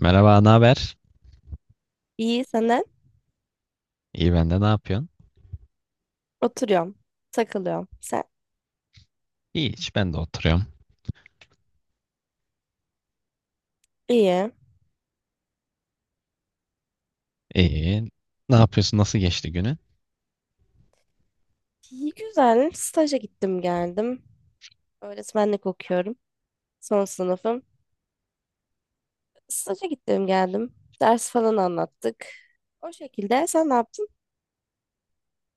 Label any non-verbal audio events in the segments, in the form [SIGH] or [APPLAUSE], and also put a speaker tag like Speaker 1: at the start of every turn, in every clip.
Speaker 1: Merhaba, ne haber?
Speaker 2: İyi senden.
Speaker 1: İyi ben de ne yapıyorsun?
Speaker 2: Oturuyorum. Takılıyorum. Sen?
Speaker 1: İyi hiç ben de oturuyorum.
Speaker 2: İyi.
Speaker 1: İyi. Ne yapıyorsun? Nasıl geçti günü?
Speaker 2: İyi, güzel. Staja gittim geldim. Öğretmenlik okuyorum. Son sınıfım. Staja gittim geldim. Ders falan anlattık. O şekilde sen ne yaptın?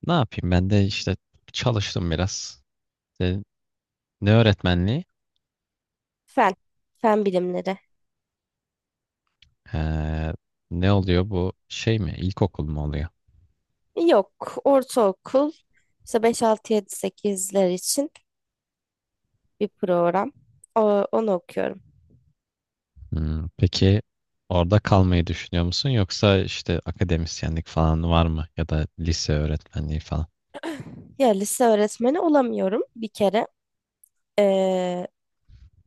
Speaker 1: Ne yapayım? Ben de işte çalıştım biraz. İşte ne öğretmenliği?
Speaker 2: Fen. Fen bilimleri.
Speaker 1: Ee, ne oluyor bu şey mi? İlkokul mu oluyor?
Speaker 2: Yok. Ortaokul. İşte 5 6 7 sekizler için bir program. O, onu okuyorum.
Speaker 1: Peki orada kalmayı düşünüyor musun? Yoksa işte akademisyenlik falan var mı? Ya da lise öğretmenliği falan.
Speaker 2: Ya lise öğretmeni olamıyorum bir kere. Ee,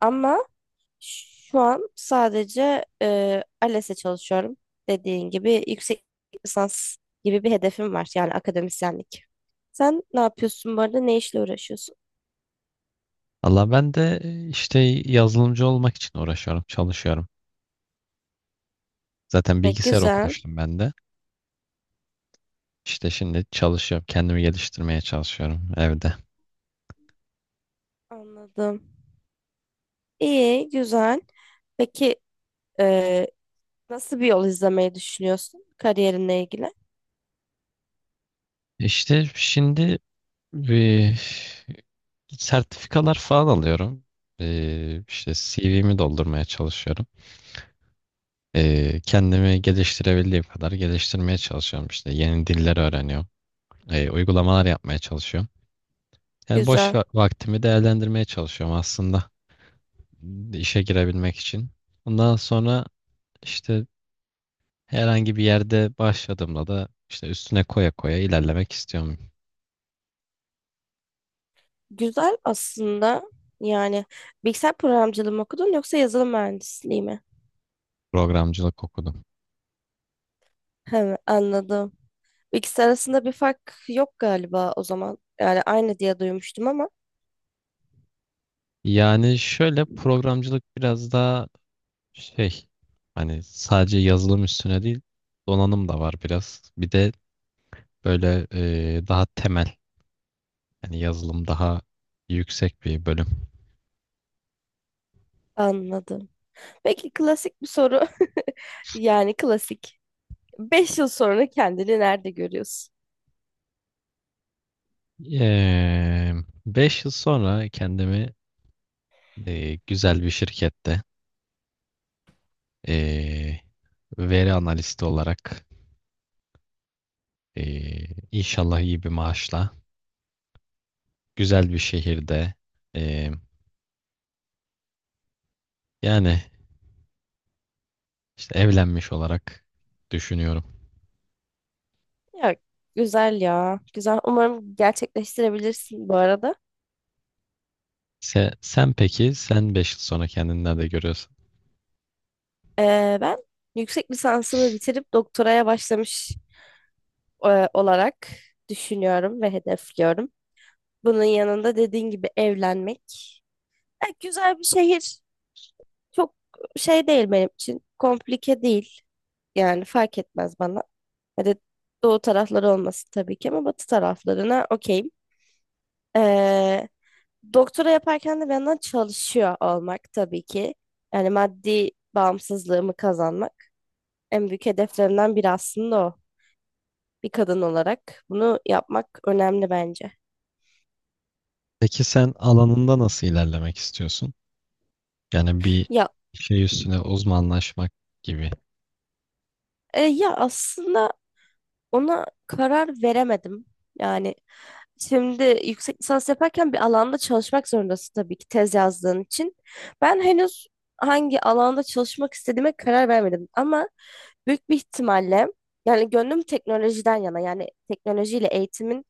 Speaker 2: Ama şu an sadece ALES'e çalışıyorum. Dediğin gibi yüksek lisans gibi bir hedefim var. Yani akademisyenlik. Sen ne yapıyorsun bu arada? Ne işle uğraşıyorsun?
Speaker 1: Allah ben de işte yazılımcı olmak için uğraşıyorum, çalışıyorum. Zaten bilgisayar
Speaker 2: Güzel.
Speaker 1: okumuştum ben de. İşte şimdi çalışıyorum. Kendimi geliştirmeye çalışıyorum evde.
Speaker 2: Anladım. İyi, güzel. Peki, e, nasıl bir yol izlemeyi düşünüyorsun kariyerinle ilgili?
Speaker 1: İşte şimdi bir sertifikalar falan alıyorum. İşte CV'mi doldurmaya çalışıyorum. Kendimi geliştirebildiğim kadar geliştirmeye çalışıyorum. İşte yeni diller öğreniyorum. Uygulamalar yapmaya çalışıyorum. Yani boş
Speaker 2: Güzel.
Speaker 1: vaktimi değerlendirmeye çalışıyorum aslında işe girebilmek için. Ondan sonra işte herhangi bir yerde başladığımda da işte üstüne koya koya ilerlemek istiyorum.
Speaker 2: Güzel aslında. Yani bilgisayar programcılığı mı okudun yoksa yazılım mühendisliği mi?
Speaker 1: Programcılık okudum.
Speaker 2: [LAUGHS] He, anladım. İkisi arasında bir fark yok galiba o zaman. Yani aynı diye duymuştum ama.
Speaker 1: Yani şöyle programcılık biraz daha şey, hani sadece yazılım üstüne değil, donanım da var biraz. Bir de böyle daha temel, yani yazılım daha yüksek bir bölüm.
Speaker 2: Anladım. Peki, klasik bir soru. [LAUGHS] Yani klasik. 5 yıl sonra kendini nerede görüyorsun?
Speaker 1: Eee 5 yıl sonra kendimi güzel bir şirkette, e, veri analisti olarak, e, inşallah iyi bir maaşla, güzel bir şehirde, e, yani İşte evlenmiş olarak düşünüyorum.
Speaker 2: Ya güzel ya. Güzel. Umarım gerçekleştirebilirsin bu arada.
Speaker 1: Sen peki, sen 5 yıl sonra kendini nerede görüyorsun?
Speaker 2: Ben yüksek lisansımı bitirip doktoraya başlamış olarak düşünüyorum ve hedefliyorum. Bunun yanında dediğin gibi evlenmek. E, güzel bir şehir. Çok şey değil benim için. Komplike değil. Yani fark etmez bana. Hadi doğu tarafları olmasın tabii ki, ama batı taraflarına okeyim. Ee, Doktora yaparken de bir yandan çalışıyor olmak tabii ki. Yani maddi bağımsızlığımı kazanmak en büyük hedeflerimden biri aslında o. Bir kadın olarak bunu yapmak önemli bence.
Speaker 1: Peki sen alanında nasıl ilerlemek istiyorsun? Yani bir
Speaker 2: Ya
Speaker 1: şey üstüne uzmanlaşmak gibi.
Speaker 2: ya aslında ona karar veremedim. Yani şimdi yüksek lisans yaparken bir alanda çalışmak zorundasın tabii ki, tez yazdığın için. Ben henüz hangi alanda çalışmak istediğime karar vermedim, ama büyük bir ihtimalle, yani gönlüm teknolojiden yana, yani teknolojiyle eğitimin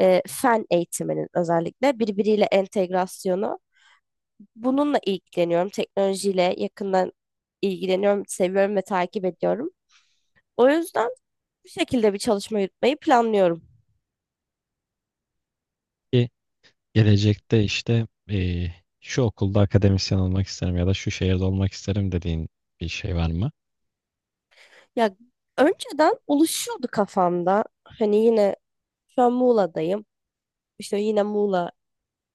Speaker 2: fen eğitiminin özellikle birbiriyle entegrasyonu, bununla ilgileniyorum. Teknolojiyle yakından ilgileniyorum, seviyorum ve takip ediyorum. O yüzden bu şekilde bir çalışma yürütmeyi planlıyorum.
Speaker 1: Ki gelecekte işte şu okulda akademisyen olmak isterim ya da şu şehirde olmak isterim dediğin bir şey var mı?
Speaker 2: Ya önceden oluşuyordu kafamda. Hani yine şu an Muğla'dayım. İşte yine Muğla,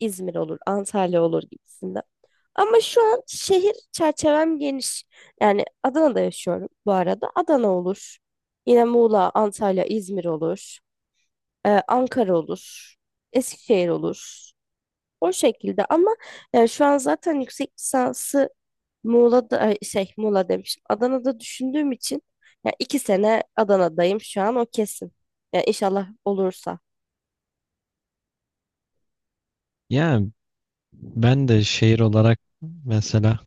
Speaker 2: İzmir olur, Antalya olur gibisinde. Ama şu an şehir çerçevem geniş. Yani Adana'da yaşıyorum bu arada. Adana olur. Yine Muğla, Antalya, İzmir olur. Ankara olur. Eskişehir olur. O şekilde, ama şu an zaten yüksek lisansı Muğla'da ay, şey, Muğla demişim. Adana'da düşündüğüm için ya, 2 sene Adana'dayım şu an, o kesin. Ya inşallah olursa.
Speaker 1: Yani ben de şehir olarak, mesela,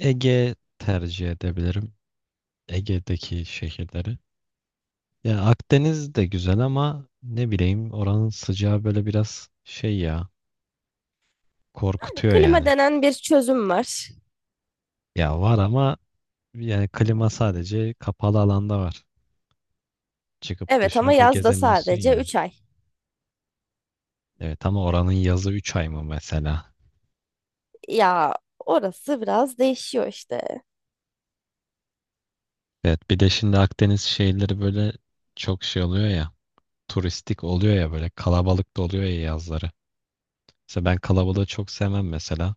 Speaker 1: Ege tercih edebilirim. Ege'deki şehirleri. Ya Akdeniz de güzel ama ne bileyim, oranın sıcağı böyle biraz şey ya,
Speaker 2: Yani
Speaker 1: korkutuyor
Speaker 2: klima
Speaker 1: yani.
Speaker 2: denen bir çözüm var.
Speaker 1: Ya var ama yani klima sadece kapalı alanda var. Çıkıp
Speaker 2: Evet, ama
Speaker 1: dışarıda
Speaker 2: yazda
Speaker 1: gezemiyorsun
Speaker 2: sadece
Speaker 1: ya.
Speaker 2: 3 ay.
Speaker 1: Evet ama oranın yazı 3 ay mı mesela?
Speaker 2: Ya orası biraz değişiyor işte.
Speaker 1: Evet, bir de şimdi Akdeniz şehirleri böyle çok şey oluyor ya. Turistik oluyor ya, böyle kalabalık da oluyor ya, yazları. Mesela ben kalabalığı çok sevmem, mesela.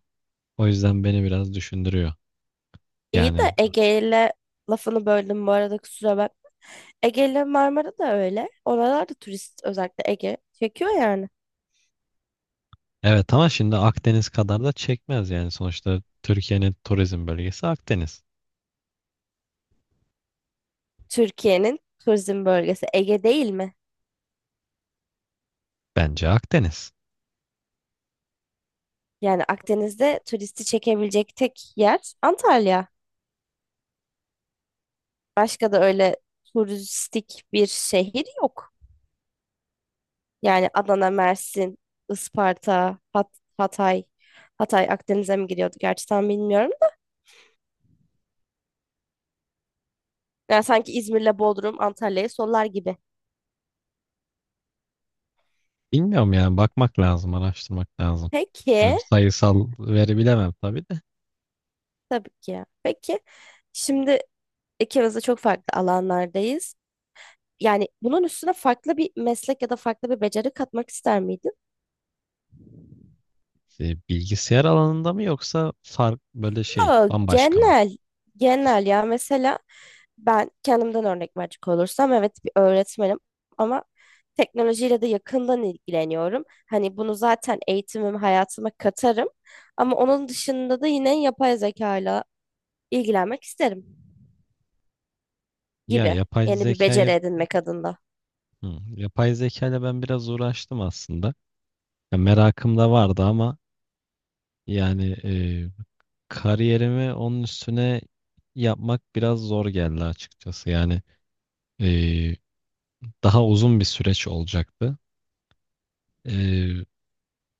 Speaker 1: O yüzden beni biraz düşündürüyor.
Speaker 2: İyi de
Speaker 1: Yani
Speaker 2: Ege ile lafını böldüm bu arada, kusura bakma. Ege ile Marmara da öyle. Oralar da turist, özellikle Ege çekiyor yani.
Speaker 1: evet, ama şimdi Akdeniz kadar da çekmez yani, sonuçta Türkiye'nin turizm bölgesi Akdeniz.
Speaker 2: Türkiye'nin turizm bölgesi Ege değil mi?
Speaker 1: Bence Akdeniz.
Speaker 2: Yani Akdeniz'de turisti çekebilecek tek yer Antalya. Başka da öyle turistik bir şehir yok. Yani Adana, Mersin, Isparta, Hatay. Hatay Akdeniz'e mi giriyordu, gerçi tam bilmiyorum da. Yani sanki İzmir'le Bodrum Antalya'yı sollar gibi.
Speaker 1: Bilmiyorum yani, bakmak lazım, araştırmak lazım. Size bir
Speaker 2: Peki,
Speaker 1: sayısal veri bilemem tabii de.
Speaker 2: tabii ki ya. Peki, şimdi ikimiz de çok farklı alanlardayız. Yani bunun üstüne farklı bir meslek ya da farklı bir beceri katmak ister miydin?
Speaker 1: E, bilgisayar alanında mı yoksa fark böyle şey
Speaker 2: Yo,
Speaker 1: bambaşka mı?
Speaker 2: genel ya, mesela ben kendimden örnek verecek olursam, evet, bir öğretmenim, ama teknolojiyle de yakından ilgileniyorum. Hani bunu zaten eğitimim hayatıma katarım, ama onun dışında da yine yapay zeka ile ilgilenmek isterim
Speaker 1: Ya,
Speaker 2: gibi, yeni bir beceri edinmek adında.
Speaker 1: yapay zekayla ben biraz uğraştım aslında. Ya, merakım da vardı ama yani kariyerimi onun üstüne yapmak biraz zor geldi açıkçası. Yani e, daha uzun bir süreç olacaktı. Ee,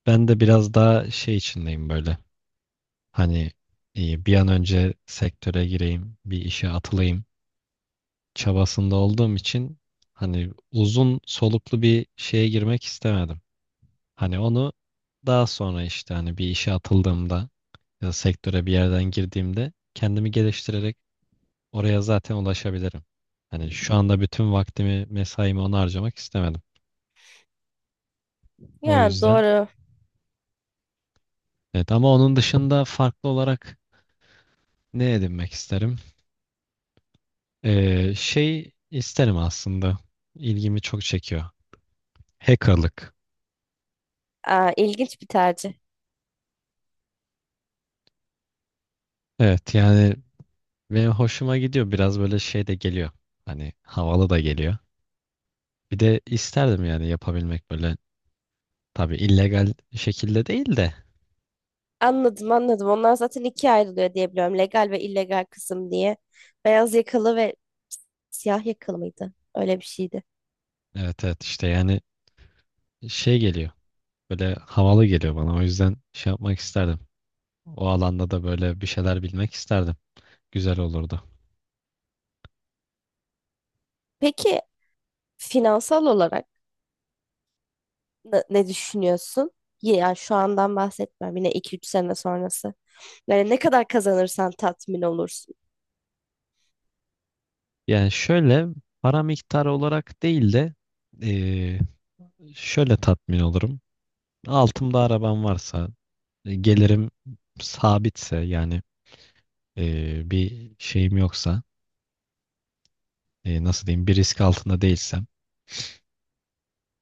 Speaker 1: ben de biraz daha şey içindeyim böyle. Hani bir an önce sektöre gireyim, bir işe atılayım çabasında olduğum için hani uzun soluklu bir şeye girmek istemedim. Hani onu daha sonra, işte, hani bir işe atıldığımda ya da sektöre bir yerden girdiğimde kendimi geliştirerek oraya zaten ulaşabilirim. Hani şu anda bütün vaktimi, mesaimi ona harcamak istemedim. O
Speaker 2: Yani
Speaker 1: yüzden,
Speaker 2: doğru.
Speaker 1: evet, ama onun dışında farklı olarak ne edinmek isterim? Şey isterim aslında. İlgimi çok çekiyor. Hackerlık.
Speaker 2: Aa, ilginç bir tercih.
Speaker 1: Evet yani benim hoşuma gidiyor. Biraz böyle şey de geliyor. Hani havalı da geliyor. Bir de isterdim yani yapabilmek böyle. Tabii illegal şekilde değil de.
Speaker 2: Anladım, anladım. Onlar zaten ikiye ayrılıyor diye biliyorum. Legal ve illegal kısım diye. Beyaz yakalı ve siyah yakalı mıydı? Öyle bir şeydi.
Speaker 1: Evet, evet, işte yani şey geliyor. Böyle havalı geliyor bana. O yüzden şey yapmak isterdim. O alanda da böyle bir şeyler bilmek isterdim. Güzel olurdu.
Speaker 2: Peki, finansal olarak ne düşünüyorsun? Ya şu andan bahsetmem. Yine 2 3 sene sonrası. Yani ne kadar kazanırsan tatmin olursun.
Speaker 1: Yani şöyle, para miktarı olarak değil de eee, şöyle tatmin olurum. Altımda arabam varsa, gelirim sabitse yani, bir şeyim yoksa, nasıl diyeyim, bir risk altında değilsem,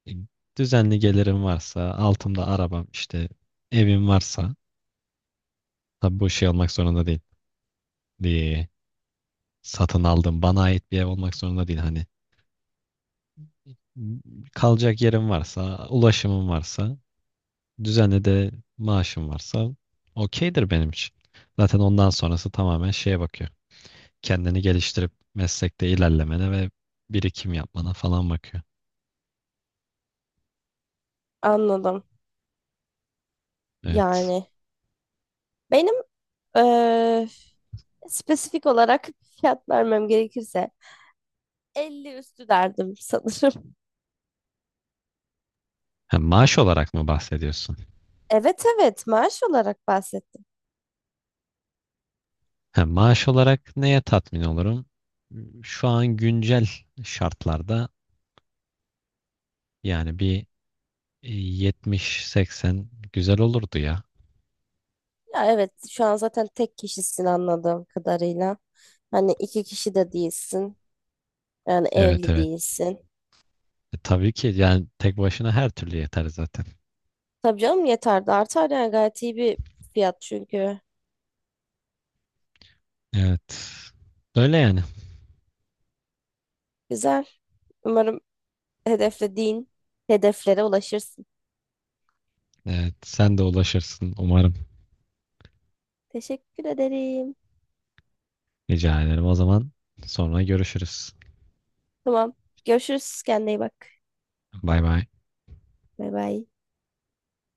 Speaker 1: e, düzenli gelirim varsa, altımda arabam, işte, evim varsa. Tabii bu şey olmak zorunda değil. Ee, satın aldım, bana ait bir ev olmak zorunda değil. Hani kalacak yerim varsa, ulaşımım varsa, düzenli de maaşım varsa, okeydir benim için. Zaten ondan sonrası tamamen şeye bakıyor. Kendini geliştirip meslekte ilerlemene ve birikim yapmana falan bakıyor.
Speaker 2: Anladım.
Speaker 1: Evet.
Speaker 2: Yani benim eee, spesifik olarak fiyat vermem gerekirse 50 üstü derdim sanırım. [LAUGHS]
Speaker 1: Hem maaş olarak mı bahsediyorsun?
Speaker 2: Evet, evet, maaş olarak bahsettim.
Speaker 1: Hem maaş olarak neye tatmin olurum? Şu an güncel şartlarda yani bir 70-80 güzel olurdu ya.
Speaker 2: Ya evet, şu an zaten tek kişisin anladığım kadarıyla. Hani iki kişi de değilsin. Yani
Speaker 1: Evet,
Speaker 2: evli
Speaker 1: evet.
Speaker 2: değilsin.
Speaker 1: E, tabii ki yani tek başına her türlü yeter zaten.
Speaker 2: Tabii canım, yeter de artar yani, gayet iyi bir fiyat çünkü.
Speaker 1: Evet. Öyle yani.
Speaker 2: Güzel. Umarım hedeflediğin hedeflere ulaşırsın.
Speaker 1: Evet, sen de ulaşırsın umarım.
Speaker 2: Teşekkür ederim.
Speaker 1: Rica ederim. O zaman sonra görüşürüz.
Speaker 2: Tamam. Görüşürüz. Kendine iyi bak.
Speaker 1: Bay bay.
Speaker 2: Bay bay.